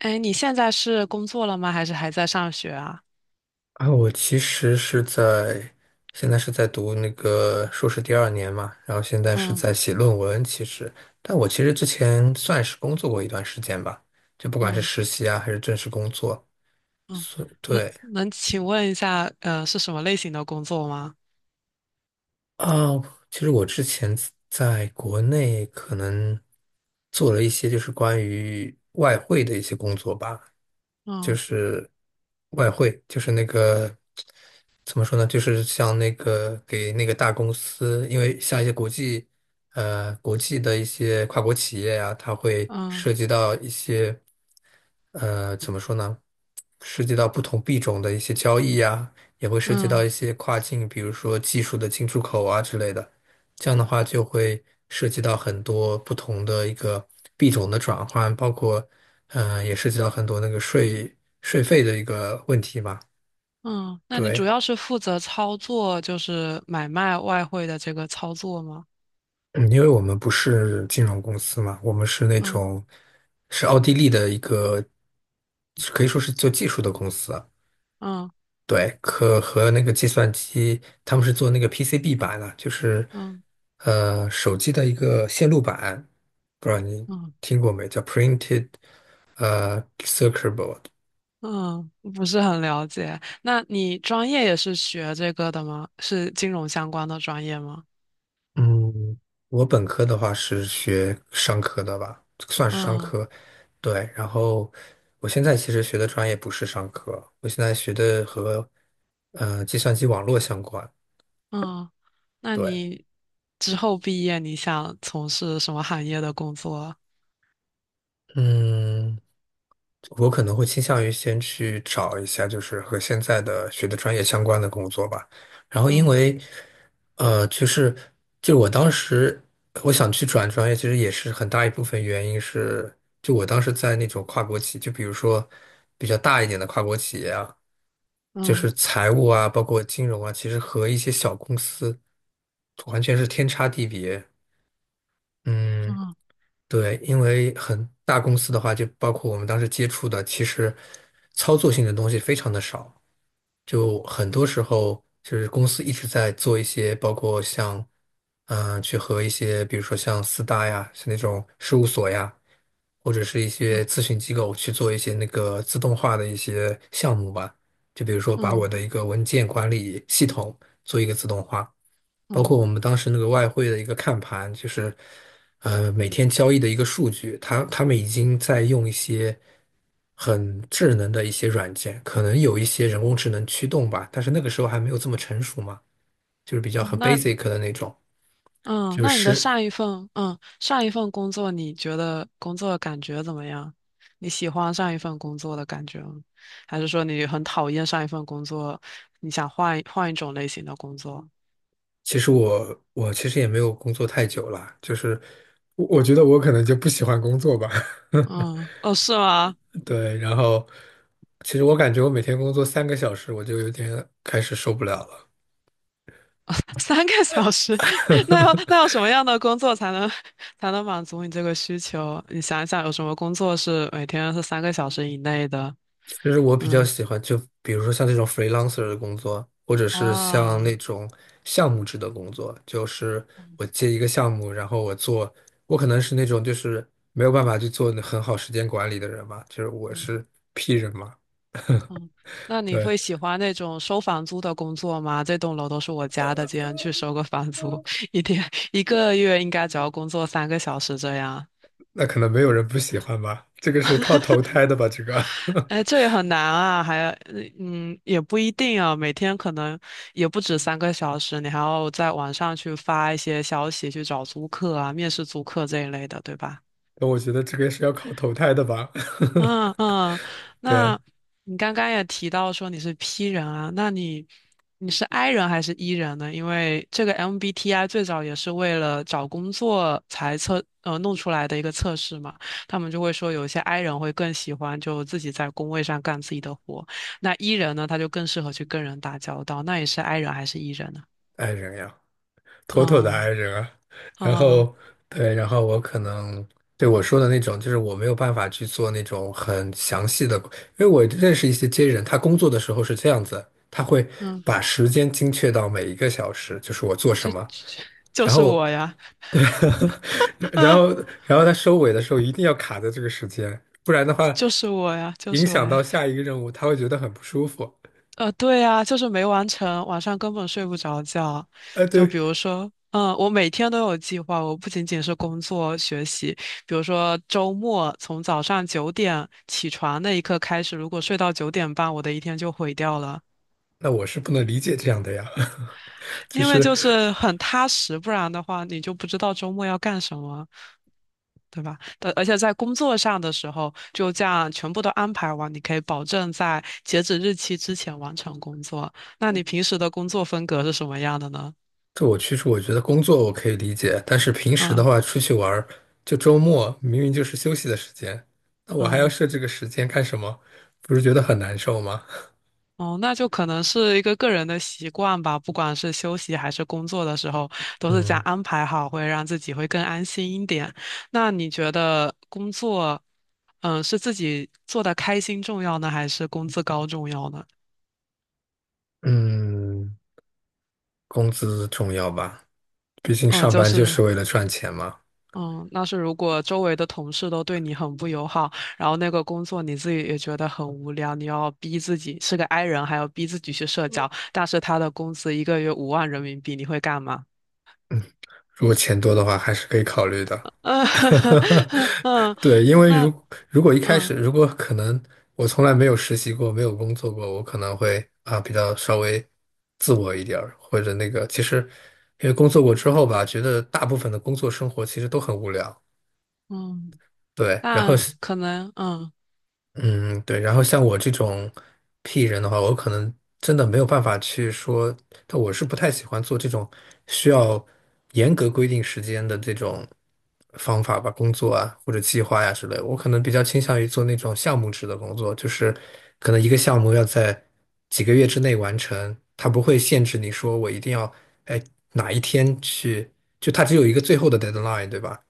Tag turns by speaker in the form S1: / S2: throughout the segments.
S1: 哎，你现在是工作了吗？还是还在上学啊？
S2: 啊，我其实是在现在是在读那个硕士第二年嘛，然后现在是
S1: 嗯
S2: 在写论文。但我其实之前算是工作过一段时间吧，就不管是
S1: 嗯
S2: 实习啊，还是正式工作，
S1: 嗯。能
S2: 对
S1: 能请问一下，是什么类型的工作吗？
S2: 啊，其实我之前在国内可能做了一些就是关于外汇的一些工作吧，就
S1: 嗯
S2: 是外汇，就是那个怎么说呢？就是像那个给那个大公司，因为像一些国际国际的一些跨国企业呀、它会
S1: 嗯
S2: 涉及到一些怎么说呢？涉及到不同币种的一些交易呀、也会涉及到
S1: 嗯
S2: 一些跨境，比如说技术的进出口啊之类的。这样的话就会涉及到很多不同的一个币种的转换，包括。也涉及到很多那个税费的一个问题嘛。
S1: 嗯。那你
S2: 对，
S1: 主要是负责操作，就是买卖外汇的这个操作吗？
S2: 嗯因为我们不是金融公司嘛，我们是那
S1: 嗯
S2: 种是奥地利的一个，可以说是做技术的公司。
S1: 嗯
S2: 对，和那个计算机，他们是做那个 PCB 板的，就是
S1: 嗯
S2: 手机的一个线路板，不知道你
S1: 嗯
S2: 听过没？叫 printed circuit board。
S1: 嗯。不是很了解。那你专业也是学这个的吗？是金融相关的专业吗？
S2: 嗯，我本科的话是学商科的吧，算是商
S1: 嗯。
S2: 科。对，然后我现在其实学的专业不是商科，我现在学的和计算机网络相关。
S1: 嗯，那
S2: 对，
S1: 你之后毕业，你想从事什么行业的工作啊。
S2: 嗯。我可能会倾向于先去找一下，就是和现在的学的专业相关的工作吧。然后因
S1: 嗯
S2: 为，就是就我当时我想去转专业，其实也是很大一部分原因是，就我当时在那种跨国企，就比如说比较大一点的跨国企业啊，就
S1: 嗯
S2: 是财务啊，包括金融啊，其实和一些小公司完全是天差地别。嗯。
S1: 嗯
S2: 对，因为很大公司的话，就包括我们当时接触的，其实操作性的东西非常的少，就很多时候就是公司一直在做一些，包括像去和一些，比如说像四大呀，是那种事务所呀，或者是一些
S1: 嗯
S2: 咨询机构去做一些那个自动化的一些项目吧，就比如说把我
S1: 嗯
S2: 的一个文件管理系统做一个自动化。包
S1: 嗯。
S2: 括我们当时那个外汇的一个看盘，就是每天交易的一个数据，他们已经在用一些很智能的一些软件，可能有一些人工智能驱动吧，但是那个时候还没有这么成熟嘛，就是比较
S1: 嗯
S2: 很
S1: 那
S2: basic 的那种。
S1: 嗯，
S2: 就
S1: 那你的
S2: 是
S1: 上一份工作，你觉得工作的感觉怎么样？你喜欢上一份工作的感觉吗？还是说你很讨厌上一份工作，你想换一种类型的工作？
S2: 其实我其实也没有工作太久了，就是我觉得我可能就不喜欢工作吧。
S1: 嗯，哦，是吗？
S2: 对，然后其实我感觉我每天工作3个小时，我就有点开始受不了了。
S1: 三个小时。那要什么样的工作才能满足你这个需求？你想一想，有什么工作是每天是三个小时以内的？
S2: 就是我比较
S1: 嗯
S2: 喜欢，就比如说像这种 freelancer 的工作，或者是像那
S1: 啊。
S2: 种项目制的工作，就是
S1: 嗯
S2: 我接一个项目，然后我做，我可能是那种就是没有办法去做很好时间管理的人嘛，就是我
S1: 嗯
S2: 是 P 人嘛，
S1: 嗯。那你
S2: 对，
S1: 会喜欢那种收房租的工作吗？这栋楼都是我家的，今天去收个房租，一天一个月应该只要工作三个小时这样。
S2: 那可能没有人不喜欢吧，这个是靠 投胎的吧，这个，
S1: 哎，这也很难啊。还也不一定啊，每天可能也不止三个小时，你还要在网上去发一些消息去找租客啊、面试租客这一类的，对吧？
S2: 那我觉得这个是要靠投胎的吧，
S1: 嗯嗯。
S2: 对，
S1: 那你刚刚也提到说你是 P 人啊。那你是 I 人还是 E 人呢？因为这个 MBTI 最早也是为了找工作才弄出来的一个测试嘛，他们就会说有一些 I 人会更喜欢就自己在工位上干自己的活，那 E 人呢他就更适合去跟人打交道，那你是 I 人还是 E 人呢？
S2: 爱人呀。妥妥的 i
S1: 啊
S2: 人啊。然
S1: 啊
S2: 后对，然后我可能对我说的那种，就是我没有办法去做那种很详细的，因为我认识一些 J 人，他工作的时候是这样子，他会
S1: 嗯。
S2: 把时间精确到每一个小时，就是我做什
S1: 这
S2: 么，
S1: 就
S2: 然
S1: 是
S2: 后。
S1: 我呀，
S2: 对，然后然后他收尾的时候一定要卡在这个时间，不然的话，
S1: 就是我呀，就
S2: 影
S1: 是我
S2: 响
S1: 呀。
S2: 到下一个任务，他会觉得很不舒服。
S1: 对呀，就是没完成，晚上根本睡不着觉。就
S2: 对，
S1: 比如说，嗯，我每天都有计划，我不仅仅是工作学习。比如说周末从早上九点起床那一刻开始，如果睡到9点半，我的一天就毁掉了。
S2: 那我是不能理解这样的呀，就
S1: 因为
S2: 是。
S1: 就是很踏实，不然的话你就不知道周末要干什么，对吧？但而且在工作上的时候，就这样全部都安排完，你可以保证在截止日期之前完成工作。那你平时的工作风格是什么样的呢？
S2: 这我其实我觉得工作我可以理解，但是平时的
S1: 嗯
S2: 话出去玩儿，就周末明明就是休息的时间，那我还要
S1: 嗯。
S2: 设这个时间干什么？不是觉得很难受吗？
S1: 哦，那就可能是一个个人的习惯吧，不管是休息还是工作的时候，都是这样
S2: 嗯
S1: 安排好，会让自己会更安心一点。那你觉得工作，嗯，是自己做的开心重要呢，还是工资高重要呢？
S2: 嗯，工资重要吧，毕竟
S1: 嗯，
S2: 上
S1: 就
S2: 班就
S1: 是。
S2: 是为了赚钱嘛。
S1: 嗯，那是如果周围的同事都对你很不友好，然后那个工作你自己也觉得很无聊，你要逼自己是个 i 人，还要逼自己去社交，但是他的工资一个月5万人民币，你会干嘛？
S2: 如果钱多的话，还是可以考虑的。
S1: 呃，嗯。
S2: 对，因为
S1: 那
S2: 如果一开始，
S1: 嗯
S2: 如果可能，我从来没有实习过，没有工作过，我可能会啊比较稍微自我一点儿，或者那个，其实因为工作过之后吧，觉得大部分的工作生活其实都很无聊。
S1: 嗯，
S2: 对，然后
S1: 但可能
S2: 嗯，对。然后像我这种 P 人的话，我可能真的没有办法去说，但我是不太喜欢做这种需要严格规定时间的这种方法吧，工作啊或者计划呀、之类的我可能比较倾向于做那种项目制的工作，就是可能一个项目要在几个月之内完成，它不会限制你说我一定要哎哪一天去，就它只有一个最后的 deadline，对吧？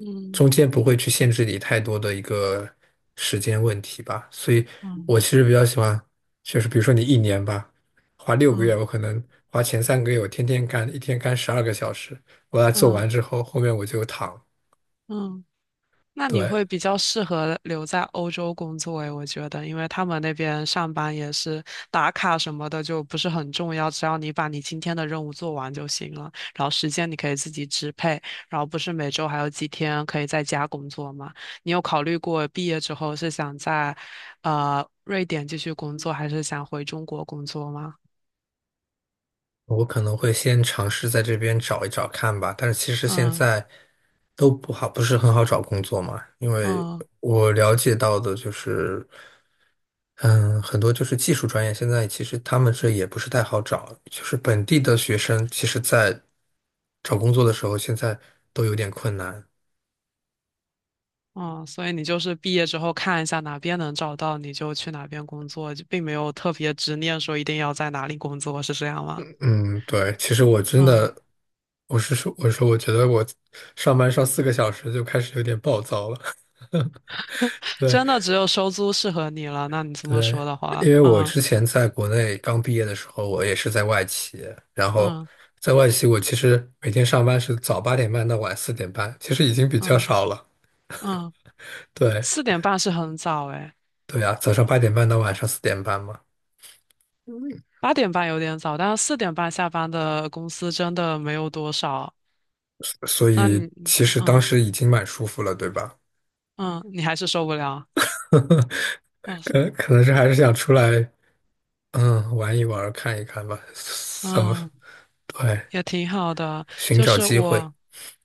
S1: 嗯
S2: 中间不会去限制你太多的一个时间问题吧，所以
S1: 嗯
S2: 我其实比较喜欢，就是比如说你一年吧，花6个月，
S1: 嗯
S2: 我可能花前3个月我天天干，一天干12个小时，我把它做
S1: 嗯
S2: 完之后，后面我就躺。
S1: 嗯，那你
S2: 对，
S1: 会比较适合留在欧洲工作诶，我觉得，因为他们那边上班也是打卡什么的，就不是很重要，只要你把你今天的任务做完就行了，然后时间你可以自己支配，然后不是每周还有几天可以在家工作吗？你有考虑过毕业之后是想在瑞典继续工作，还是想回中国工作吗？
S2: 我可能会先尝试在这边找一找看吧，但是其实现
S1: 嗯
S2: 在都不好，不是很好找工作嘛，因为
S1: 嗯。
S2: 我了解到的就是，嗯，很多就是技术专业，现在其实他们这也不是太好找，就是本地的学生，其实在找工作的时候，现在都有点困难。
S1: 嗯，所以你就是毕业之后看一下哪边能找到，你就去哪边工作，就并没有特别执念说一定要在哪里工作，是这样吗？
S2: 嗯，对，其实我真
S1: 嗯，
S2: 的，我说我觉得我上班上4个小时就开始有点暴躁了，对。
S1: 真的只有收租适合你了。那你这么
S2: 对，
S1: 说的话，
S2: 因为我
S1: 嗯
S2: 之前在国内刚毕业的时候，我也是在外企，然后
S1: 嗯
S2: 在外企我其实每天上班是早八点半到晚四点半，其实已经比较
S1: 嗯
S2: 少了。
S1: 嗯。
S2: 对，
S1: 四点半是很早诶。
S2: 对啊，早上八点半到晚上四点半嘛，
S1: 八点半有点早，但是四点半下班的公司真的没有多少。
S2: 所
S1: 那
S2: 以
S1: 你
S2: 其
S1: 嗯
S2: 实当
S1: 嗯，
S2: 时已经蛮舒服了，对吧？
S1: 嗯你还是受不了。嗯
S2: 可能是还是想出来，嗯，玩一玩，看一看吧，so,
S1: 嗯，
S2: 对，
S1: 也挺好的，
S2: 寻
S1: 就
S2: 找
S1: 是
S2: 机会，
S1: 我。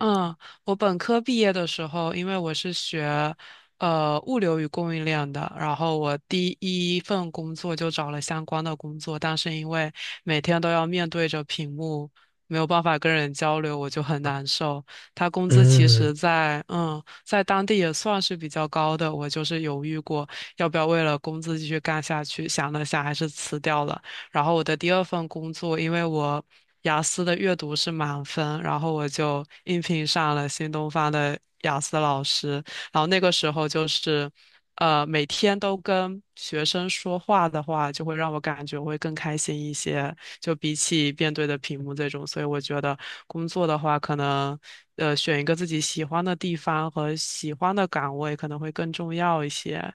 S1: 嗯，我本科毕业的时候，因为我是学物流与供应链的，然后我第一份工作就找了相关的工作，但是因为每天都要面对着屏幕，没有办法跟人交流，我就很难受。他工资其
S2: 嗯。
S1: 实在当地也算是比较高的，我就是犹豫过要不要为了工资继续干下去，想了想还是辞掉了。然后我的第二份工作，因为我雅思的阅读是满分，然后我就应聘上了新东方的雅思老师。然后那个时候就是，每天都跟学生说话的话，就会让我感觉会更开心一些，就比起面对的屏幕这种。所以我觉得工作的话，可能选一个自己喜欢的地方和喜欢的岗位可能会更重要一些。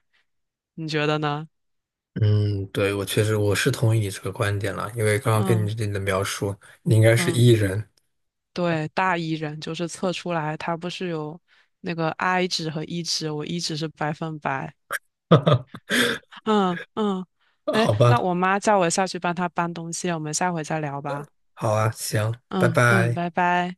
S1: 你觉得呢？
S2: 嗯，对，我确实我是同意你这个观点了，因为刚刚跟
S1: 嗯
S2: 你的描述，你应该是
S1: 嗯。
S2: E 人，
S1: 对，大 E 人就是测出来，他不是有那个 I 值和 E 值，我 E 值是100%。嗯嗯。哎，
S2: 好
S1: 那
S2: 吧，
S1: 我妈叫我下去帮她搬东西，我们下回再聊吧。
S2: 好啊，行，拜
S1: 嗯嗯，
S2: 拜。
S1: 拜拜。